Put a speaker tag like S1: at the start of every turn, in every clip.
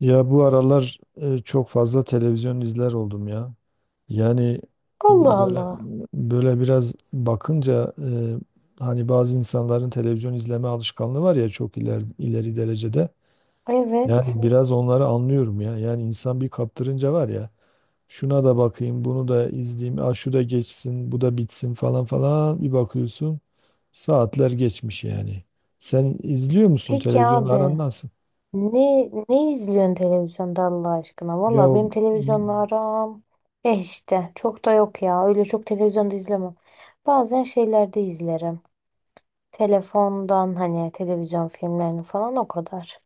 S1: Ya bu aralar çok fazla televizyon izler oldum ya. Yani
S2: Allah
S1: böyle
S2: Allah.
S1: böyle biraz bakınca hani bazı insanların televizyon izleme alışkanlığı var ya çok ileri derecede.
S2: Evet.
S1: Yani biraz onları anlıyorum ya. Yani insan bir kaptırınca var ya, şuna da bakayım, bunu da izleyeyim, ah şu da geçsin, bu da bitsin falan falan bir bakıyorsun saatler geçmiş yani. Sen izliyor musun,
S2: Peki
S1: televizyonla aran
S2: abi.
S1: nasıl?
S2: Ne izliyorsun televizyonda Allah aşkına?
S1: Ya,
S2: Valla benim televizyonla aram. Eh işte. Çok da yok ya. Öyle çok televizyonda izlemem. Bazen şeylerde izlerim. Telefondan hani televizyon filmlerini falan o kadar.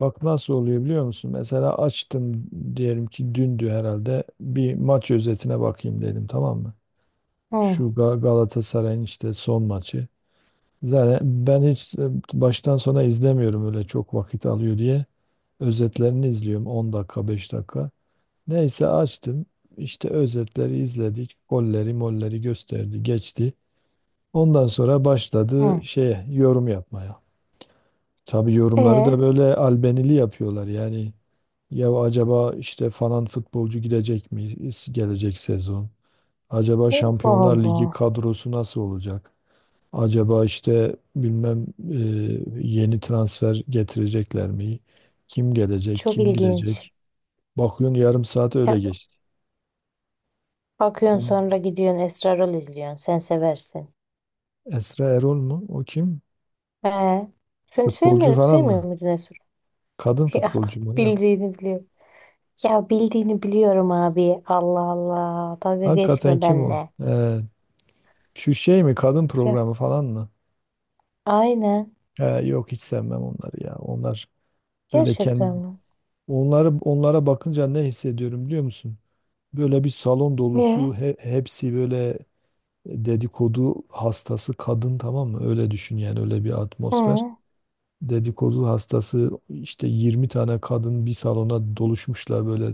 S1: bak nasıl oluyor biliyor musun? Mesela açtım, diyelim ki dündü herhalde, bir maç özetine bakayım dedim, tamam mı? Şu
S2: Hı
S1: Galatasaray'ın işte son maçı. Zaten ben hiç baştan sona izlemiyorum, öyle çok vakit alıyor diye. Özetlerini izliyorum, 10 dakika 5 dakika. Neyse açtım, işte özetleri izledik. Golleri molleri gösterdi geçti. Ondan sonra başladı
S2: hı.
S1: şeye yorum yapmaya. Tabii yorumları
S2: E
S1: da böyle albenili yapıyorlar. Yani ya acaba işte falan futbolcu gidecek mi gelecek sezon? Acaba
S2: Allah
S1: Şampiyonlar Ligi
S2: Allah.
S1: kadrosu nasıl olacak? Acaba işte bilmem yeni transfer getirecekler mi? Kim gelecek,
S2: Çok
S1: kim
S2: ilginç.
S1: gidecek? Bakıyorsun yarım saat
S2: E,
S1: öyle geçti.
S2: Bakıyorsun
S1: Tamam.
S2: sonra gidiyorsun Esrarol izliyorsun. Sen seversin.
S1: Esra Erol mu? O kim?
S2: E sen
S1: Futbolcu
S2: sevmiyor,
S1: falan
S2: sevmiyor
S1: mı?
S2: muydun Esrarol?
S1: Kadın
S2: Ya
S1: futbolcu mu ne o?
S2: bildiğini biliyorum. Ya bildiğini biliyorum abi. Allah Allah. Dalga
S1: Hakikaten
S2: geçme
S1: kim o?
S2: benimle.
S1: Şu şey mi? Kadın
S2: Ya
S1: programı falan mı?
S2: aynen.
S1: He, yok hiç sevmem onları ya. Onlar böyle kendi,
S2: Gerçekten mi?
S1: onları, onlara bakınca ne hissediyorum biliyor musun? Böyle bir salon dolusu,
S2: E,
S1: hepsi böyle dedikodu hastası kadın, tamam mı? Öyle düşün yani, öyle bir atmosfer.
S2: Hı.
S1: Dedikodu hastası işte 20 tane kadın bir salona doluşmuşlar, böyle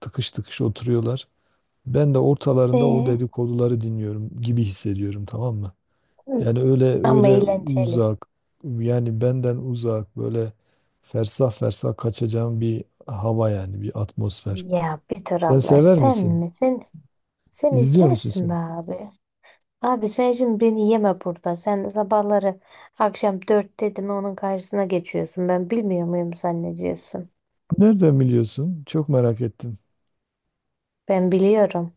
S1: tıkış tıkış oturuyorlar. Ben de
S2: e,
S1: ortalarında o dedikoduları dinliyorum gibi hissediyorum, tamam mı?
S2: hı.
S1: Yani öyle
S2: Ama
S1: öyle
S2: eğlenceli.
S1: uzak, yani benden uzak, böyle fersah fersah kaçacağım bir hava, yani bir atmosfer.
S2: Ya bir dur
S1: Sen
S2: Allah
S1: sever
S2: sen
S1: misin?
S2: mi? Sen
S1: İzliyor musun
S2: izlersin be
S1: sen?
S2: abi. Abi sen şimdi beni yeme burada. Sen sabahları akşam dört dedim onun karşısına geçiyorsun. Ben bilmiyor muyum zannediyorsun?
S1: Nereden biliyorsun? Çok merak ettim.
S2: Ben biliyorum.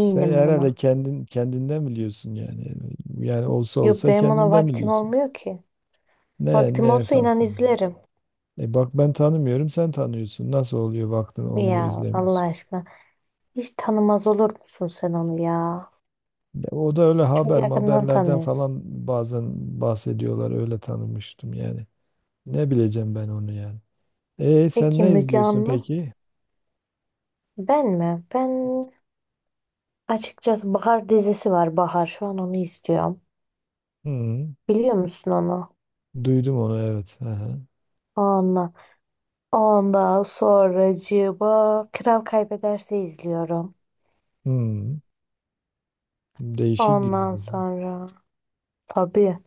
S1: Sen herhalde
S2: buna.
S1: kendin kendinden biliyorsun yani. Yani olsa
S2: Yok
S1: olsa
S2: benim ona
S1: kendinden
S2: vaktim
S1: biliyorsun.
S2: olmuyor ki.
S1: Ne
S2: Vaktim
S1: ne
S2: olsa inan
S1: farklı?
S2: izlerim.
S1: E bak, ben tanımıyorum, sen tanıyorsun. Nasıl oluyor, vaktin olmuyor
S2: Ya Allah
S1: izlemiyorsun?
S2: aşkına. Hiç tanımaz olur musun sen onu ya?
S1: Ya o da öyle
S2: Çok yakından
S1: haberlerden
S2: tanıyorsun.
S1: falan bazen bahsediyorlar, öyle tanımıştım yani. Ne bileceğim ben onu yani. E sen
S2: Peki
S1: ne
S2: Müge
S1: izliyorsun
S2: Anlı?
S1: peki?
S2: Ben mi? Ben açıkçası Bahar dizisi var Bahar. Şu an onu izliyorum.
S1: Hmm,
S2: Biliyor musun onu?
S1: duydum onu, evet. Aha.
S2: Ondan, ondan sonracığıma Kral Kaybederse izliyorum.
S1: Hmm, değişik
S2: Ondan
S1: diziler.
S2: sonra tabii.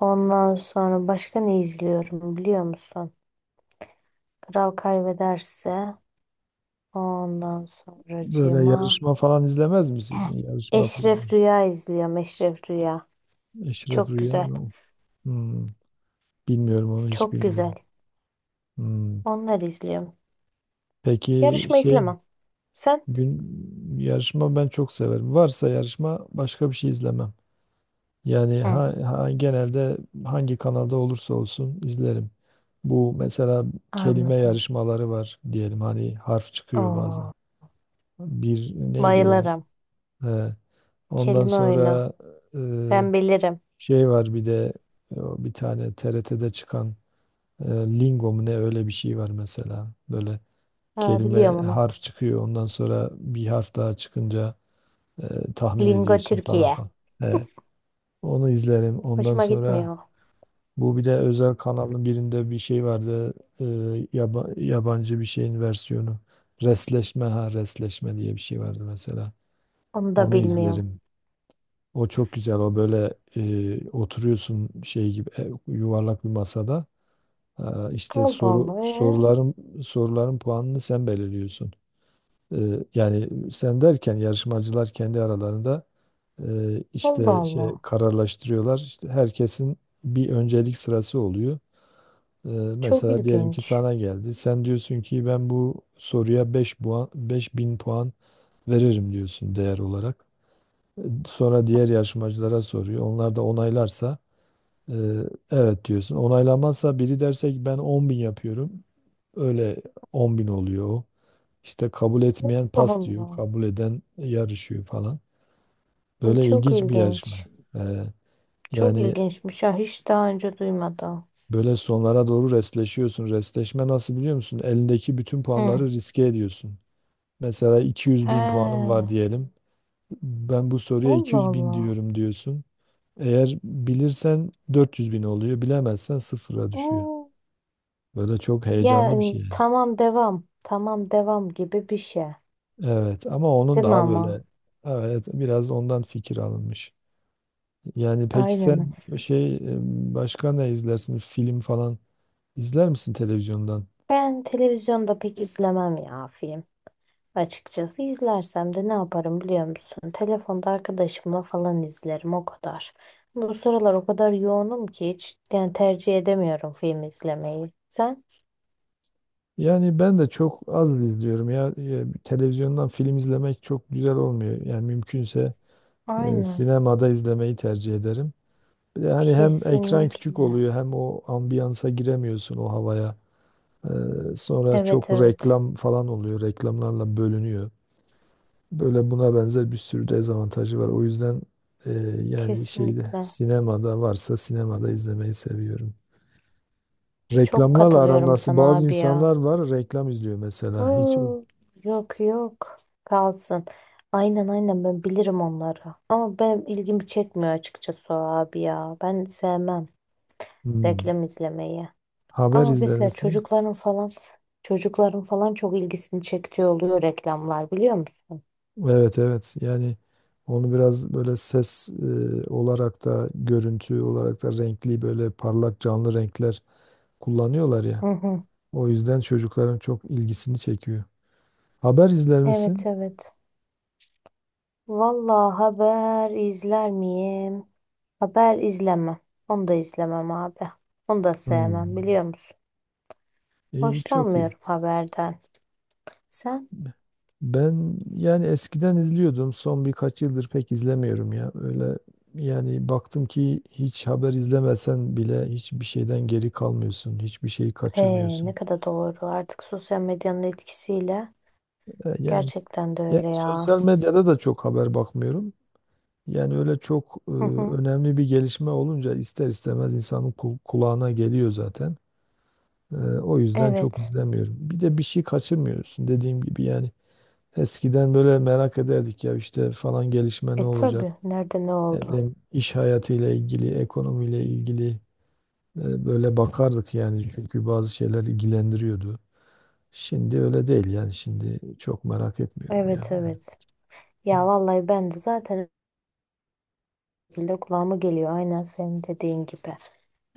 S2: Ondan sonra başka ne izliyorum biliyor musun? Kral Kaybederse ondan
S1: Böyle
S2: sonracığıma
S1: yarışma falan izlemez
S2: Heh.
S1: misin? Yarışma
S2: Eşref
S1: programı.
S2: Rüya izliyorum. Eşref Rüya.
S1: Eşref
S2: Çok
S1: Rüya
S2: güzel.
S1: mı o? Hmm, bilmiyorum onu, hiç
S2: Çok güzel.
S1: bilmiyorum. Hmm,
S2: Onları izliyorum.
S1: peki
S2: Yarışma
S1: şey,
S2: izlemem. Sen?
S1: gün, yarışma ben çok severim. Varsa yarışma başka bir şey izlemem. Yani
S2: Hı.
S1: genelde hangi kanalda olursa olsun izlerim. Bu mesela kelime
S2: Anladım.
S1: yarışmaları var diyelim, hani harf çıkıyor bazen.
S2: Oo,
S1: Bir neydi o?
S2: bayılırım.
S1: He, ondan
S2: Kelime oyunu.
S1: sonra e,
S2: Ben bilirim.
S1: şey var bir de, o bir tane TRT'de çıkan e, Lingo mu ne öyle bir şey var mesela. Böyle
S2: Ha,
S1: kelime,
S2: biliyorum onu.
S1: harf çıkıyor, ondan sonra bir harf daha çıkınca tahmin
S2: Lingo
S1: ediyorsun falan
S2: Türkiye.
S1: falan. He, onu izlerim. Ondan
S2: Hoşuma
S1: sonra
S2: gitmiyor.
S1: bu bir de özel kanalın birinde bir şey vardı. e, Yabancı bir şeyin versiyonu. Resleşme, ha, resleşme diye bir şey vardı mesela.
S2: Onu da
S1: Onu
S2: bilmiyorum.
S1: izlerim. O çok güzel. O böyle oturuyorsun şey gibi, yuvarlak bir masada. Ha, işte
S2: Allah Allah. Ee?
S1: soruların puanını sen belirliyorsun. E, Yani sen derken yarışmacılar kendi aralarında
S2: Allah
S1: işte şey
S2: Allah.
S1: kararlaştırıyorlar. İşte herkesin bir öncelik sırası oluyor. Ee,
S2: Çok
S1: mesela diyelim ki
S2: ilginç.
S1: sana geldi. Sen diyorsun ki ben bu soruya 5 puan, 5.000 puan veririm diyorsun değer olarak. Sonra diğer yarışmacılara soruyor. Onlar da onaylarsa e, evet diyorsun. Onaylamazsa, biri derse ki ben 10 bin yapıyorum, öyle 10 bin oluyor o. İşte kabul etmeyen pas diyor,
S2: Allah.
S1: kabul eden yarışıyor falan. Böyle
S2: Çok
S1: ilginç bir
S2: ilginç.
S1: yarışma. Ee,
S2: Çok
S1: yani
S2: ilginçmiş. Ha, hiç daha önce duymadım.
S1: Böyle sonlara doğru restleşiyorsun. Restleşme nasıl biliyor musun? Elindeki bütün
S2: Hı.
S1: puanları riske ediyorsun. Mesela 200 bin puanım
S2: He.
S1: var diyelim. Ben bu soruya
S2: Allah
S1: 200 bin
S2: Allah.
S1: diyorum diyorsun. Eğer bilirsen 400 bin oluyor, bilemezsen sıfıra düşüyor.
S2: Oo,
S1: Böyle çok heyecanlı bir şey
S2: yani
S1: yani.
S2: tamam devam gibi bir şey.
S1: Evet, ama onun
S2: Değil mi
S1: daha
S2: ama?
S1: böyle, evet biraz ondan fikir alınmış. Yani peki
S2: Aynen.
S1: sen şey, başka ne izlersin? Film falan izler misin televizyondan?
S2: Ben televizyonda pek izlemem ya film. Açıkçası izlersem de ne yaparım biliyor musun? Telefonda arkadaşımla falan izlerim o kadar. Bu sıralar o kadar yoğunum ki hiç yani tercih edemiyorum film izlemeyi. Sen?
S1: Yani ben de çok az izliyorum ya. Televizyondan film izlemek çok güzel olmuyor. Yani mümkünse
S2: Aynen.
S1: sinemada izlemeyi tercih ederim. Bir de hani hem ekran küçük
S2: Kesinlikle.
S1: oluyor, hem o ambiyansa giremiyorsun, o havaya. Sonra
S2: Evet
S1: çok
S2: evet.
S1: reklam falan oluyor, reklamlarla bölünüyor. Böyle buna benzer bir sürü dezavantajı var. O yüzden e, şeyde,
S2: Kesinlikle.
S1: sinemada varsa sinemada izlemeyi seviyorum.
S2: Çok
S1: Reklamlarla aram
S2: katılıyorum
S1: nasıl?
S2: sana
S1: Bazı
S2: abi ya.
S1: insanlar var reklam izliyor mesela. Hiç.
S2: Oo, yok yok kalsın. Aynen aynen ben bilirim onları. Ama benim ilgimi çekmiyor açıkçası o abi ya. Ben sevmem
S1: Hmm.
S2: reklam izlemeyi.
S1: Haber
S2: Ama
S1: izler
S2: mesela
S1: misin?
S2: çocukların falan çok ilgisini çektiği oluyor reklamlar biliyor musun?
S1: Evet, evet, yani onu biraz böyle ses olarak da, görüntü olarak da renkli, böyle parlak canlı renkler kullanıyorlar ya.
S2: Hı hı.
S1: O yüzden çocukların çok ilgisini çekiyor. Haber izler
S2: Evet
S1: misin?
S2: evet. Vallahi haber izler miyim? Haber izlemem. Onu da izlemem abi. Onu da
S1: Hmm.
S2: sevmem biliyor musun?
S1: İyi, çok iyi.
S2: Hoşlanmıyorum haberden. Sen?
S1: Ben yani eskiden izliyordum, son birkaç yıldır pek izlemiyorum ya. Öyle yani baktım ki hiç haber izlemesen bile hiçbir şeyden geri kalmıyorsun, hiçbir şeyi kaçırmıyorsun.
S2: Ne kadar doğru. Artık sosyal medyanın etkisiyle
S1: E, Yani
S2: gerçekten de
S1: Yani
S2: öyle ya.
S1: sosyal medyada da çok haber bakmıyorum. Yani öyle çok
S2: Hı hı.
S1: önemli bir gelişme olunca ister istemez insanın kulağına geliyor zaten. O yüzden çok
S2: Evet.
S1: izlemiyorum. Bir de bir şey kaçırmıyorsun dediğim gibi yani. Eskiden böyle merak ederdik ya, işte falan gelişme
S2: E
S1: ne olacak?
S2: tabii. Nerede ne
S1: Ne
S2: oldu?
S1: bileyim, iş hayatıyla ilgili, ekonomiyle ilgili böyle bakardık yani. Çünkü bazı şeyler ilgilendiriyordu. Şimdi öyle değil yani, şimdi çok merak etmiyorum ya.
S2: Evet
S1: Yani
S2: evet. Ya vallahi ben de zaten öyle şekilde kulağıma geliyor. Aynen senin dediğin gibi.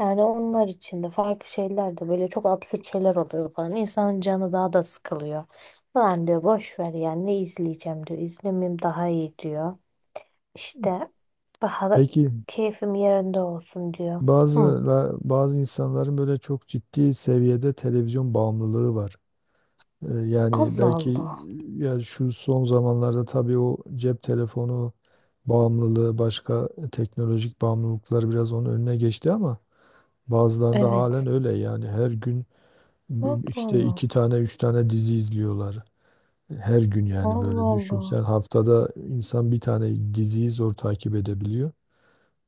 S2: Yani onlar için de farklı şeyler de böyle çok absürt şeyler oluyor falan. İnsanın canı daha da sıkılıyor. Falan diyor boş ver yani ne izleyeceğim diyor. İzlemeyeyim daha iyi diyor. İşte daha da
S1: peki
S2: keyfim yerinde olsun diyor.
S1: bazı
S2: Hı.
S1: bazı insanların böyle çok ciddi seviyede televizyon bağımlılığı var.
S2: Allah
S1: Belki
S2: Allah.
S1: ya şu son zamanlarda tabii o cep telefonu bağımlılığı, başka teknolojik bağımlılıklar biraz onun önüne geçti, ama bazılarında halen
S2: Evet.
S1: öyle yani, her gün
S2: Allah
S1: işte
S2: Allah.
S1: 2 tane 3 tane dizi izliyorlar. Her gün yani,
S2: Allah
S1: böyle düşün. Sen
S2: Allah.
S1: haftada, insan bir tane diziyi zor takip edebiliyor.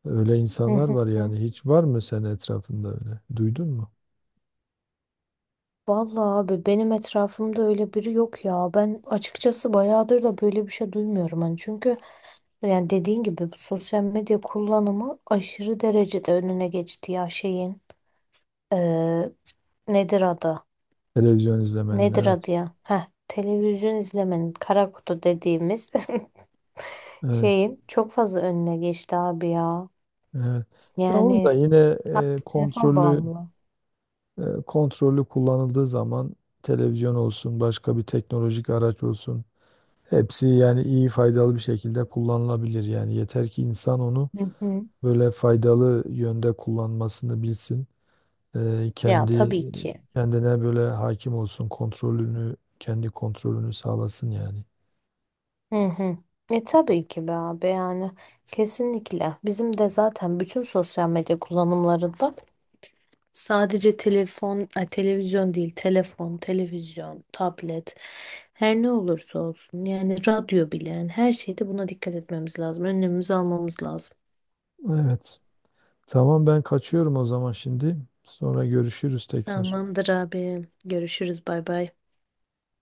S1: Öyle
S2: Hı
S1: insanlar
S2: hı.
S1: var
S2: hı.
S1: yani. Hiç var mı senin etrafında öyle? Duydun mu?
S2: Vallahi abi benim etrafımda öyle biri yok ya. Ben açıkçası bayağıdır da böyle bir şey duymuyorum hani. Çünkü yani dediğin gibi bu sosyal medya kullanımı aşırı derecede önüne geçti ya şeyin. Ee, nedir adı?
S1: Televizyon izlemenin,
S2: Nedir
S1: evet.
S2: adı ya? Heh, televizyon izlemenin kara kutu dediğimiz
S1: Evet.
S2: şeyin çok fazla önüne geçti abi ya.
S1: Evet. Ya onu da
S2: Yani
S1: yine
S2: artık telefon
S1: kontrollü
S2: bağımlı.
S1: kontrollü kullanıldığı zaman, televizyon olsun, başka bir teknolojik araç olsun, hepsi yani iyi, faydalı bir şekilde kullanılabilir. Yani yeter ki insan onu
S2: Hı hı.
S1: böyle faydalı yönde kullanmasını bilsin.
S2: Ya
S1: Kendi
S2: tabii ki.
S1: kendine böyle hakim olsun, kendi kontrolünü sağlasın yani.
S2: Hı hı. E tabii ki be abi yani kesinlikle bizim de zaten bütün sosyal medya kullanımlarında sadece telefon, ay, televizyon değil telefon, televizyon, tablet her ne olursa olsun yani radyo bile yani her şeyde buna dikkat etmemiz lazım. Önlemimizi almamız lazım.
S1: Evet. Tamam, ben kaçıyorum o zaman şimdi. Sonra görüşürüz tekrar.
S2: Tamamdır abi görüşürüz bay bay.